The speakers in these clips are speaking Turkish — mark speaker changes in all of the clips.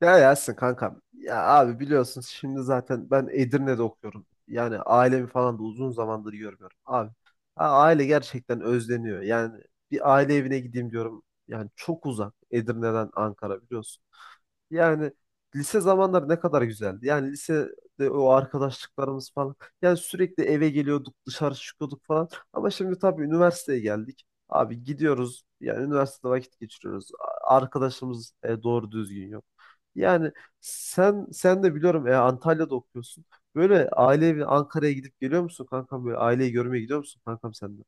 Speaker 1: Ya Yasin kankam. Ya abi biliyorsun şimdi zaten ben Edirne'de okuyorum. Yani ailemi falan da uzun zamandır görmüyorum. Abi ha, aile gerçekten özleniyor. Yani bir aile evine gideyim diyorum. Yani çok uzak Edirne'den Ankara biliyorsun. Yani lise zamanları ne kadar güzeldi. Yani lisede o arkadaşlıklarımız falan. Yani sürekli eve geliyorduk, dışarı çıkıyorduk falan. Ama şimdi tabii üniversiteye geldik. Abi gidiyoruz. Yani üniversitede vakit geçiriyoruz. Arkadaşımız doğru düzgün yok. Yani sen de biliyorum, Antalya'da okuyorsun. Böyle ailevi Ankara'ya gidip geliyor musun kankam? Böyle aileyi görmeye gidiyor musun kankam sen de?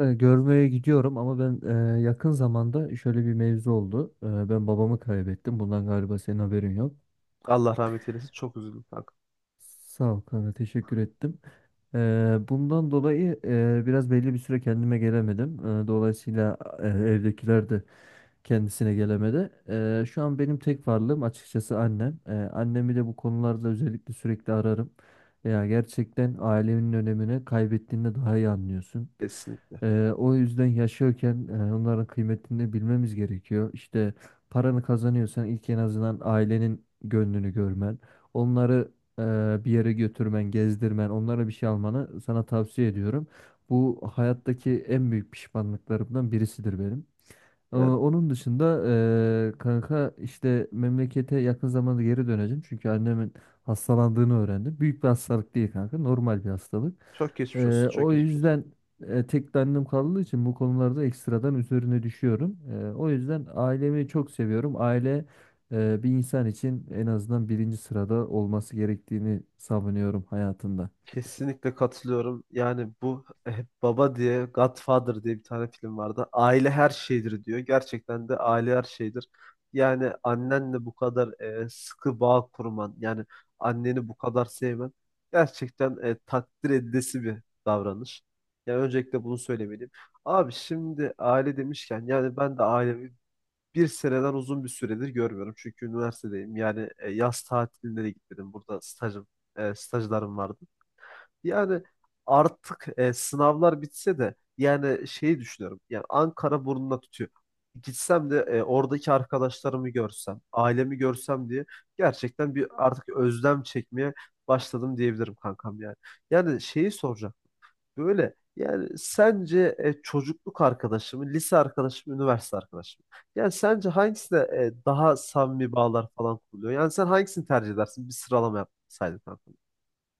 Speaker 2: Görmeye gidiyorum ama ben yakın zamanda şöyle bir mevzu oldu. Ben babamı kaybettim. Bundan galiba senin haberin yok.
Speaker 1: Allah rahmet eylesin. Çok üzüldüm kankam.
Speaker 2: Sağ ol kanka, teşekkür ettim. Bundan dolayı biraz belli bir süre kendime gelemedim. Dolayısıyla evdekiler de kendisine gelemedi. Şu an benim tek varlığım açıkçası annem. Annemi de bu konularda özellikle sürekli ararım. Ya gerçekten ailenin önemini kaybettiğinde daha iyi anlıyorsun.
Speaker 1: Kesinlikle.
Speaker 2: O yüzden yaşıyorken onların kıymetini bilmemiz gerekiyor. İşte paranı kazanıyorsan ilk en azından ailenin gönlünü görmen. Onları bir yere götürmen, gezdirmen, onlara bir şey almanı sana tavsiye ediyorum. Bu hayattaki en büyük pişmanlıklarımdan birisidir benim.
Speaker 1: Yani
Speaker 2: Onun dışında kanka işte memlekete yakın zamanda geri döneceğim. Çünkü annemin hastalandığını öğrendim. Büyük bir hastalık değil kanka. Normal bir hastalık.
Speaker 1: çok geçmiş olsun. Çok
Speaker 2: O
Speaker 1: geçmiş olsun.
Speaker 2: yüzden tek de annem kaldığı için bu konularda ekstradan üzerine düşüyorum. O yüzden ailemi çok seviyorum. Aile bir insan için en azından birinci sırada olması gerektiğini savunuyorum hayatında.
Speaker 1: Kesinlikle katılıyorum. Yani bu hep baba diye Godfather diye bir tane film vardı. Aile her şeydir diyor. Gerçekten de aile her şeydir. Yani annenle bu kadar sıkı bağ kurman, yani anneni bu kadar sevmen gerçekten takdir edilesi bir davranış. Yani öncelikle bunu söylemeliyim. Abi şimdi aile demişken yani ben de ailemi bir seneden uzun bir süredir görmüyorum. Çünkü üniversitedeyim. Yani yaz tatiline de gitmedim. Burada stajım, stajlarım vardı. Yani artık sınavlar bitse de yani şeyi düşünüyorum. Yani Ankara burnuna tutuyor. Gitsem de oradaki arkadaşlarımı görsem, ailemi görsem diye gerçekten bir artık özlem çekmeye başladım diyebilirim kankam yani. Yani şeyi soracağım. Böyle yani sence çocukluk arkadaşı mı, lise arkadaşı mı, üniversite arkadaşı mı? Yani sence hangisine daha samimi bağlar falan kuruluyor? Yani sen hangisini tercih edersin? Bir sıralama yapsaydın kankam.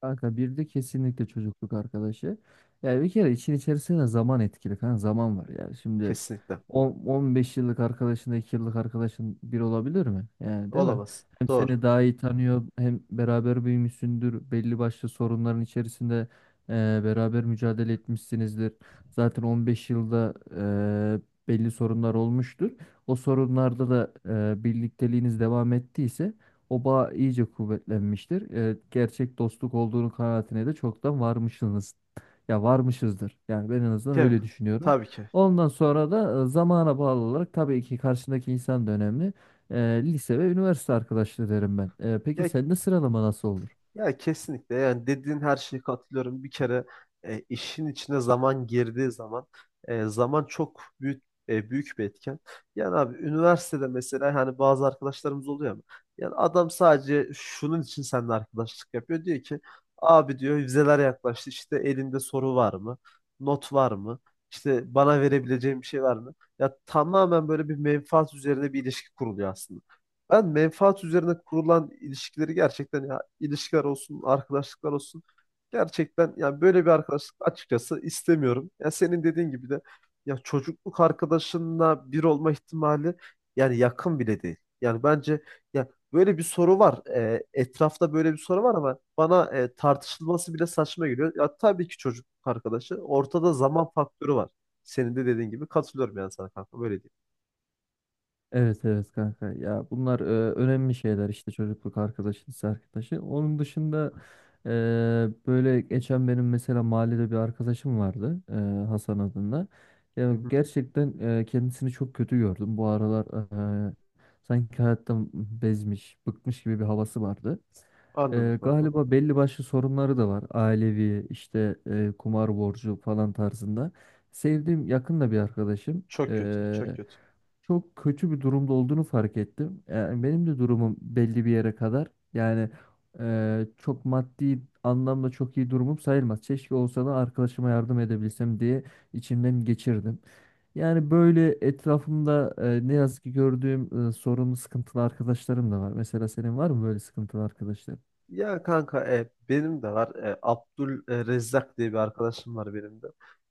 Speaker 2: Kanka bir de kesinlikle çocukluk arkadaşı. Yani bir kere için içerisinde zaman etkili kanka, zaman var. Yani şimdi
Speaker 1: Kesinlikle.
Speaker 2: 10, 15 yıllık arkadaşınla 2 yıllık arkadaşın bir olabilir mi? Yani, değil mi?
Speaker 1: Olamaz.
Speaker 2: Hem
Speaker 1: Doğru.
Speaker 2: seni daha iyi tanıyor hem beraber büyümüşsündür. Belli başlı sorunların içerisinde beraber mücadele etmişsinizdir. Zaten 15 yılda belli sorunlar olmuştur. O sorunlarda da birlikteliğiniz devam ettiyse o bağ iyice kuvvetlenmiştir. Gerçek dostluk olduğunu kanaatine de çoktan varmışsınız. Ya varmışızdır. Yani ben en azından
Speaker 1: Kev,
Speaker 2: öyle düşünüyorum.
Speaker 1: tabii ki.
Speaker 2: Ondan sonra da zamana bağlı olarak tabii ki karşındaki insan da önemli. E, Lise ve üniversite arkadaşlığı derim ben. Peki
Speaker 1: Ya,
Speaker 2: sende sıralama nasıl olur?
Speaker 1: ya kesinlikle yani dediğin her şeye katılıyorum. Bir kere işin içine zaman girdiği zaman zaman çok büyük büyük bir etken. Yani abi üniversitede mesela hani bazı arkadaşlarımız oluyor ama yani adam sadece şunun için seninle arkadaşlık yapıyor. Diyor ki abi diyor vizeler yaklaştı işte elinde soru var mı? Not var mı? İşte bana verebileceğim bir şey var mı? Ya tamamen böyle bir menfaat üzerine bir ilişki kuruluyor aslında. Ben menfaat üzerine kurulan ilişkileri gerçekten ya ilişkiler olsun, arkadaşlıklar olsun gerçekten yani böyle bir arkadaşlık açıkçası istemiyorum. Ya senin dediğin gibi de ya çocukluk arkadaşınla bir olma ihtimali yani yakın bile değil. Yani bence ya böyle bir soru var. E etrafta böyle bir soru var ama bana, tartışılması bile saçma geliyor. Ya tabii ki çocukluk arkadaşı. Ortada zaman faktörü var. Senin de dediğin gibi katılıyorum yani sana kanka böyle diyeyim.
Speaker 2: Evet, evet kanka, ya bunlar önemli şeyler işte. Çocukluk arkadaşı, lise arkadaşı, onun dışında e, böyle geçen benim mesela mahallede bir arkadaşım vardı, Hasan adında.
Speaker 1: Hı
Speaker 2: Ya
Speaker 1: hı.
Speaker 2: gerçekten kendisini çok kötü gördüm bu aralar. e, Sanki hayattan bezmiş bıkmış gibi bir havası vardı.
Speaker 1: Anladım kanka.
Speaker 2: Galiba belli başlı sorunları da var ailevi, işte kumar borcu falan tarzında. Sevdiğim yakın da bir arkadaşım.
Speaker 1: Çok kötü, çok
Speaker 2: E,
Speaker 1: kötü.
Speaker 2: Çok kötü bir durumda olduğunu fark ettim. Yani benim de durumum belli bir yere kadar. Yani çok maddi anlamda çok iyi durumum sayılmaz. Keşke olsa da arkadaşıma yardım edebilsem diye içimden geçirdim. Yani böyle etrafımda, ne yazık ki, gördüğüm sorunlu sıkıntılı arkadaşlarım da var. Mesela senin var mı böyle sıkıntılı arkadaşların?
Speaker 1: Ya kanka, benim de var. E, Abdul Rezzak diye bir arkadaşım var benim de.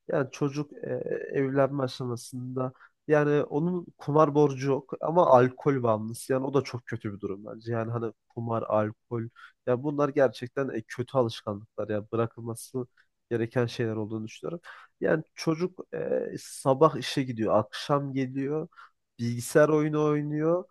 Speaker 1: Yani çocuk evlenme aşamasında yani onun kumar borcu yok ama alkol bağımlısı. Yani o da çok kötü bir durum bence. Yani hani kumar, alkol, ya bunlar gerçekten kötü alışkanlıklar, ya bırakılması gereken şeyler olduğunu düşünüyorum. Yani çocuk, sabah işe gidiyor, akşam geliyor, bilgisayar oyunu oynuyor,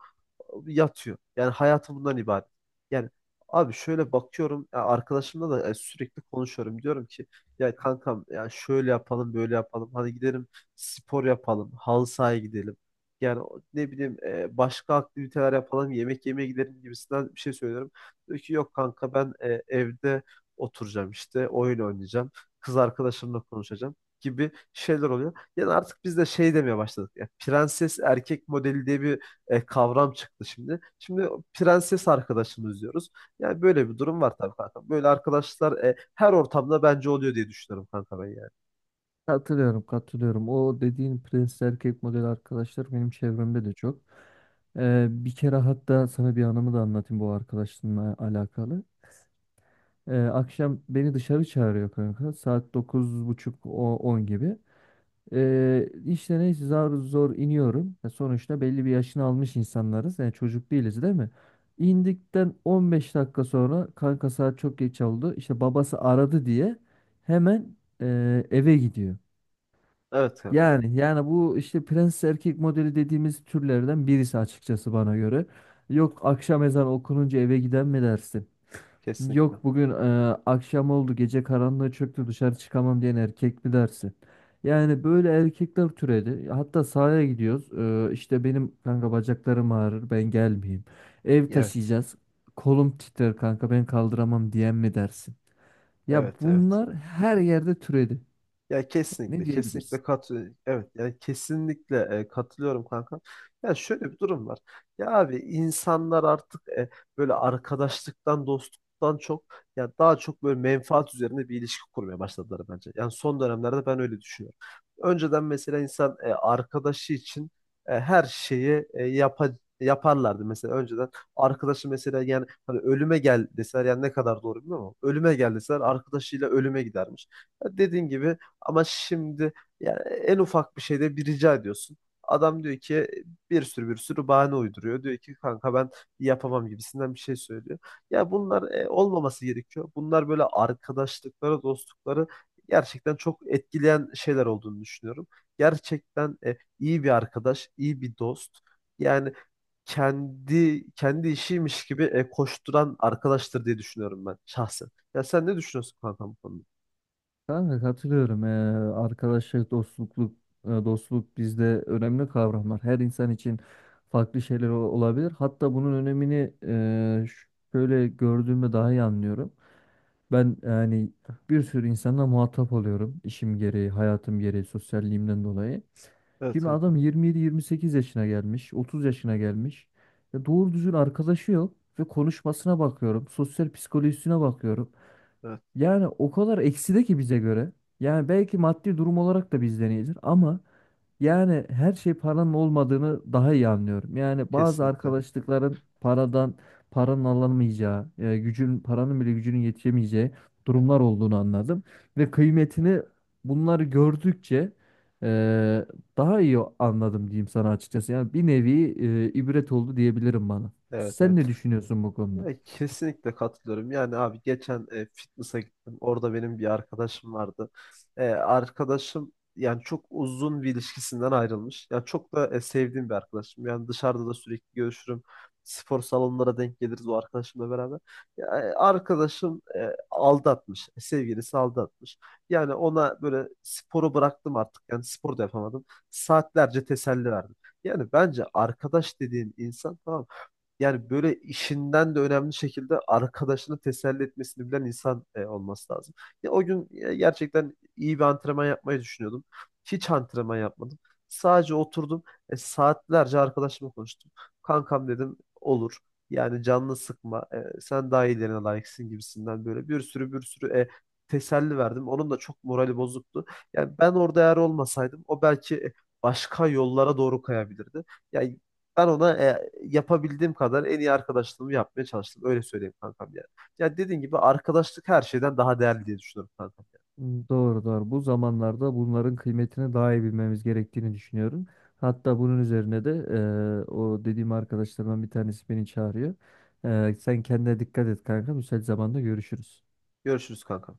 Speaker 1: yatıyor. Yani hayatı bundan ibaret. Yani abi şöyle bakıyorum ya arkadaşımla da sürekli konuşuyorum. Diyorum ki ya kankam ya şöyle yapalım böyle yapalım. Hadi gidelim spor yapalım. Halı sahaya gidelim. Yani ne bileyim, başka aktiviteler yapalım. Yemek yemeye gidelim gibisinden bir şey söylüyorum. Diyor ki yok kanka ben, evde oturacağım işte oyun oynayacağım. Kız arkadaşımla konuşacağım gibi şeyler oluyor. Yani artık biz de şey demeye başladık. Ya, prenses erkek modeli diye bir kavram çıktı şimdi. Şimdi prenses arkadaşımız diyoruz. Yani böyle bir durum var tabii kanka. Böyle arkadaşlar her ortamda bence oluyor diye düşünüyorum kanka ben yani.
Speaker 2: Katılıyorum, katılıyorum. O dediğin prensli erkek model arkadaşlar benim çevremde de çok. Bir kere hatta sana bir anımı da anlatayım bu arkadaşımla alakalı. Akşam beni dışarı çağırıyor kanka. Saat 9.30 o 10 gibi. İşte neyse zar zor iniyorum. Ya sonuçta belli bir yaşını almış insanlarız. Yani çocuk değiliz, değil mi? İndikten 15 dakika sonra kanka, saat çok geç oldu İşte babası aradı diye hemen eve gidiyor.
Speaker 1: Evet kanka.
Speaker 2: Yani bu işte prens erkek modeli dediğimiz türlerden birisi açıkçası bana göre. Yok akşam ezan okununca eve giden mi dersin?
Speaker 1: Kesinlikle.
Speaker 2: Yok bugün akşam oldu, gece karanlığı çöktü, dışarı çıkamam diyen erkek mi dersin? Yani böyle erkekler türedi. Hatta sahaya gidiyoruz. İşte benim kanka bacaklarım ağrır, ben gelmeyeyim. Ev
Speaker 1: Evet.
Speaker 2: taşıyacağız. Kolum titrer kanka, ben kaldıramam diyen mi dersin? Ya
Speaker 1: Evet, evet.
Speaker 2: bunlar her yerde türedi.
Speaker 1: Ya kesinlikle,
Speaker 2: Ne
Speaker 1: kesinlikle
Speaker 2: diyebilirsin?
Speaker 1: kat evet yani kesinlikle katılıyorum kanka. Ya şöyle bir durum var. Ya abi insanlar artık, böyle arkadaşlıktan, dostluktan çok, ya daha çok böyle menfaat üzerine bir ilişki kurmaya başladılar bence. Yani son dönemlerde ben öyle düşünüyorum. Önceden mesela insan, arkadaşı için, her şeyi, yaparlardı mesela önceden arkadaşı mesela yani hani ölüme gel deseler yani ne kadar doğru bilmiyorum ama ölüme gel deseler arkadaşıyla ölüme gidermiş. Ya dediğin gibi, ama şimdi yani en ufak bir şeyde bir rica ediyorsun. Adam diyor ki bir sürü bahane uyduruyor. Diyor ki kanka ben yapamam gibisinden bir şey söylüyor. Ya bunlar olmaması gerekiyor. Bunlar böyle arkadaşlıkları, dostlukları gerçekten çok etkileyen şeyler olduğunu düşünüyorum. Gerçekten iyi bir arkadaş, iyi bir dost. Yani kendi işiymiş gibi koşturan arkadaştır diye düşünüyorum ben şahsen. Ya sen ne düşünüyorsun kanka bu konuda?
Speaker 2: Kanka katılıyorum. Arkadaşlık, dostluk, dostluk bizde önemli kavramlar. Her insan için farklı şeyler olabilir. Hatta bunun önemini şöyle gördüğümde daha iyi anlıyorum. Ben bir sürü insanla muhatap oluyorum. İşim gereği, hayatım gereği, sosyalliğimden dolayı.
Speaker 1: Evet
Speaker 2: Şimdi adam
Speaker 1: kanka.
Speaker 2: 27-28 yaşına gelmiş, 30 yaşına gelmiş. Ya doğru düzgün arkadaşı yok ve konuşmasına bakıyorum, sosyal psikolojisine bakıyorum.
Speaker 1: Evet.
Speaker 2: Yani o kadar ekside ki bize göre. Yani belki maddi durum olarak da bizden iyidir ama yani her şey paranın olmadığını daha iyi anlıyorum. Yani bazı
Speaker 1: Kesinlikle.
Speaker 2: arkadaşlıkların paranın alınmayacağı, gücün, paranın bile gücünün yetişemeyeceği durumlar olduğunu anladım ve kıymetini, bunları gördükçe, e, daha iyi anladım diyeyim sana açıkçası. Yani bir nevi ibret oldu diyebilirim bana.
Speaker 1: Evet,
Speaker 2: Sen ne
Speaker 1: evet.
Speaker 2: düşünüyorsun bu
Speaker 1: Ya
Speaker 2: konuda?
Speaker 1: kesinlikle katılıyorum. Yani abi geçen fitness'a gittim. Orada benim bir arkadaşım vardı. E, arkadaşım yani çok uzun bir ilişkisinden ayrılmış. Ya çok da sevdiğim bir arkadaşım. Yani dışarıda da sürekli görüşürüm. Spor salonlara denk geliriz o arkadaşımla beraber. Ya, arkadaşım, aldatmış. E, sevgilisi aldatmış. Yani ona böyle sporu bıraktım artık. Yani spor da yapamadım. Saatlerce teselli verdim. Yani bence arkadaş dediğin insan tamam mı? Yani böyle işinden de önemli şekilde arkadaşını teselli etmesini bilen insan olması lazım. Ya, o gün, gerçekten iyi bir antrenman yapmayı düşünüyordum. Hiç antrenman yapmadım. Sadece oturdum. Saatlerce arkadaşımla konuştum. Kankam dedim olur. Yani canını sıkma. Sen daha iyilerine layıksın gibisinden böyle bir sürü teselli verdim. Onun da çok morali bozuktu. Yani ben orada eğer olmasaydım o belki başka yollara doğru kayabilirdi. Ya ben ona, yapabildiğim kadar en iyi arkadaşlığımı yapmaya çalıştım. Öyle söyleyeyim kankam yani. Ya dediğin gibi arkadaşlık her şeyden daha değerli diye düşünüyorum kankam. Yani.
Speaker 2: Doğru, doğru. Bu zamanlarda bunların kıymetini daha iyi bilmemiz gerektiğini düşünüyorum. Hatta bunun üzerine de o dediğim arkadaşlarımdan bir tanesi beni çağırıyor. Sen kendine dikkat et kanka. Müsait zamanda görüşürüz.
Speaker 1: Görüşürüz kankam.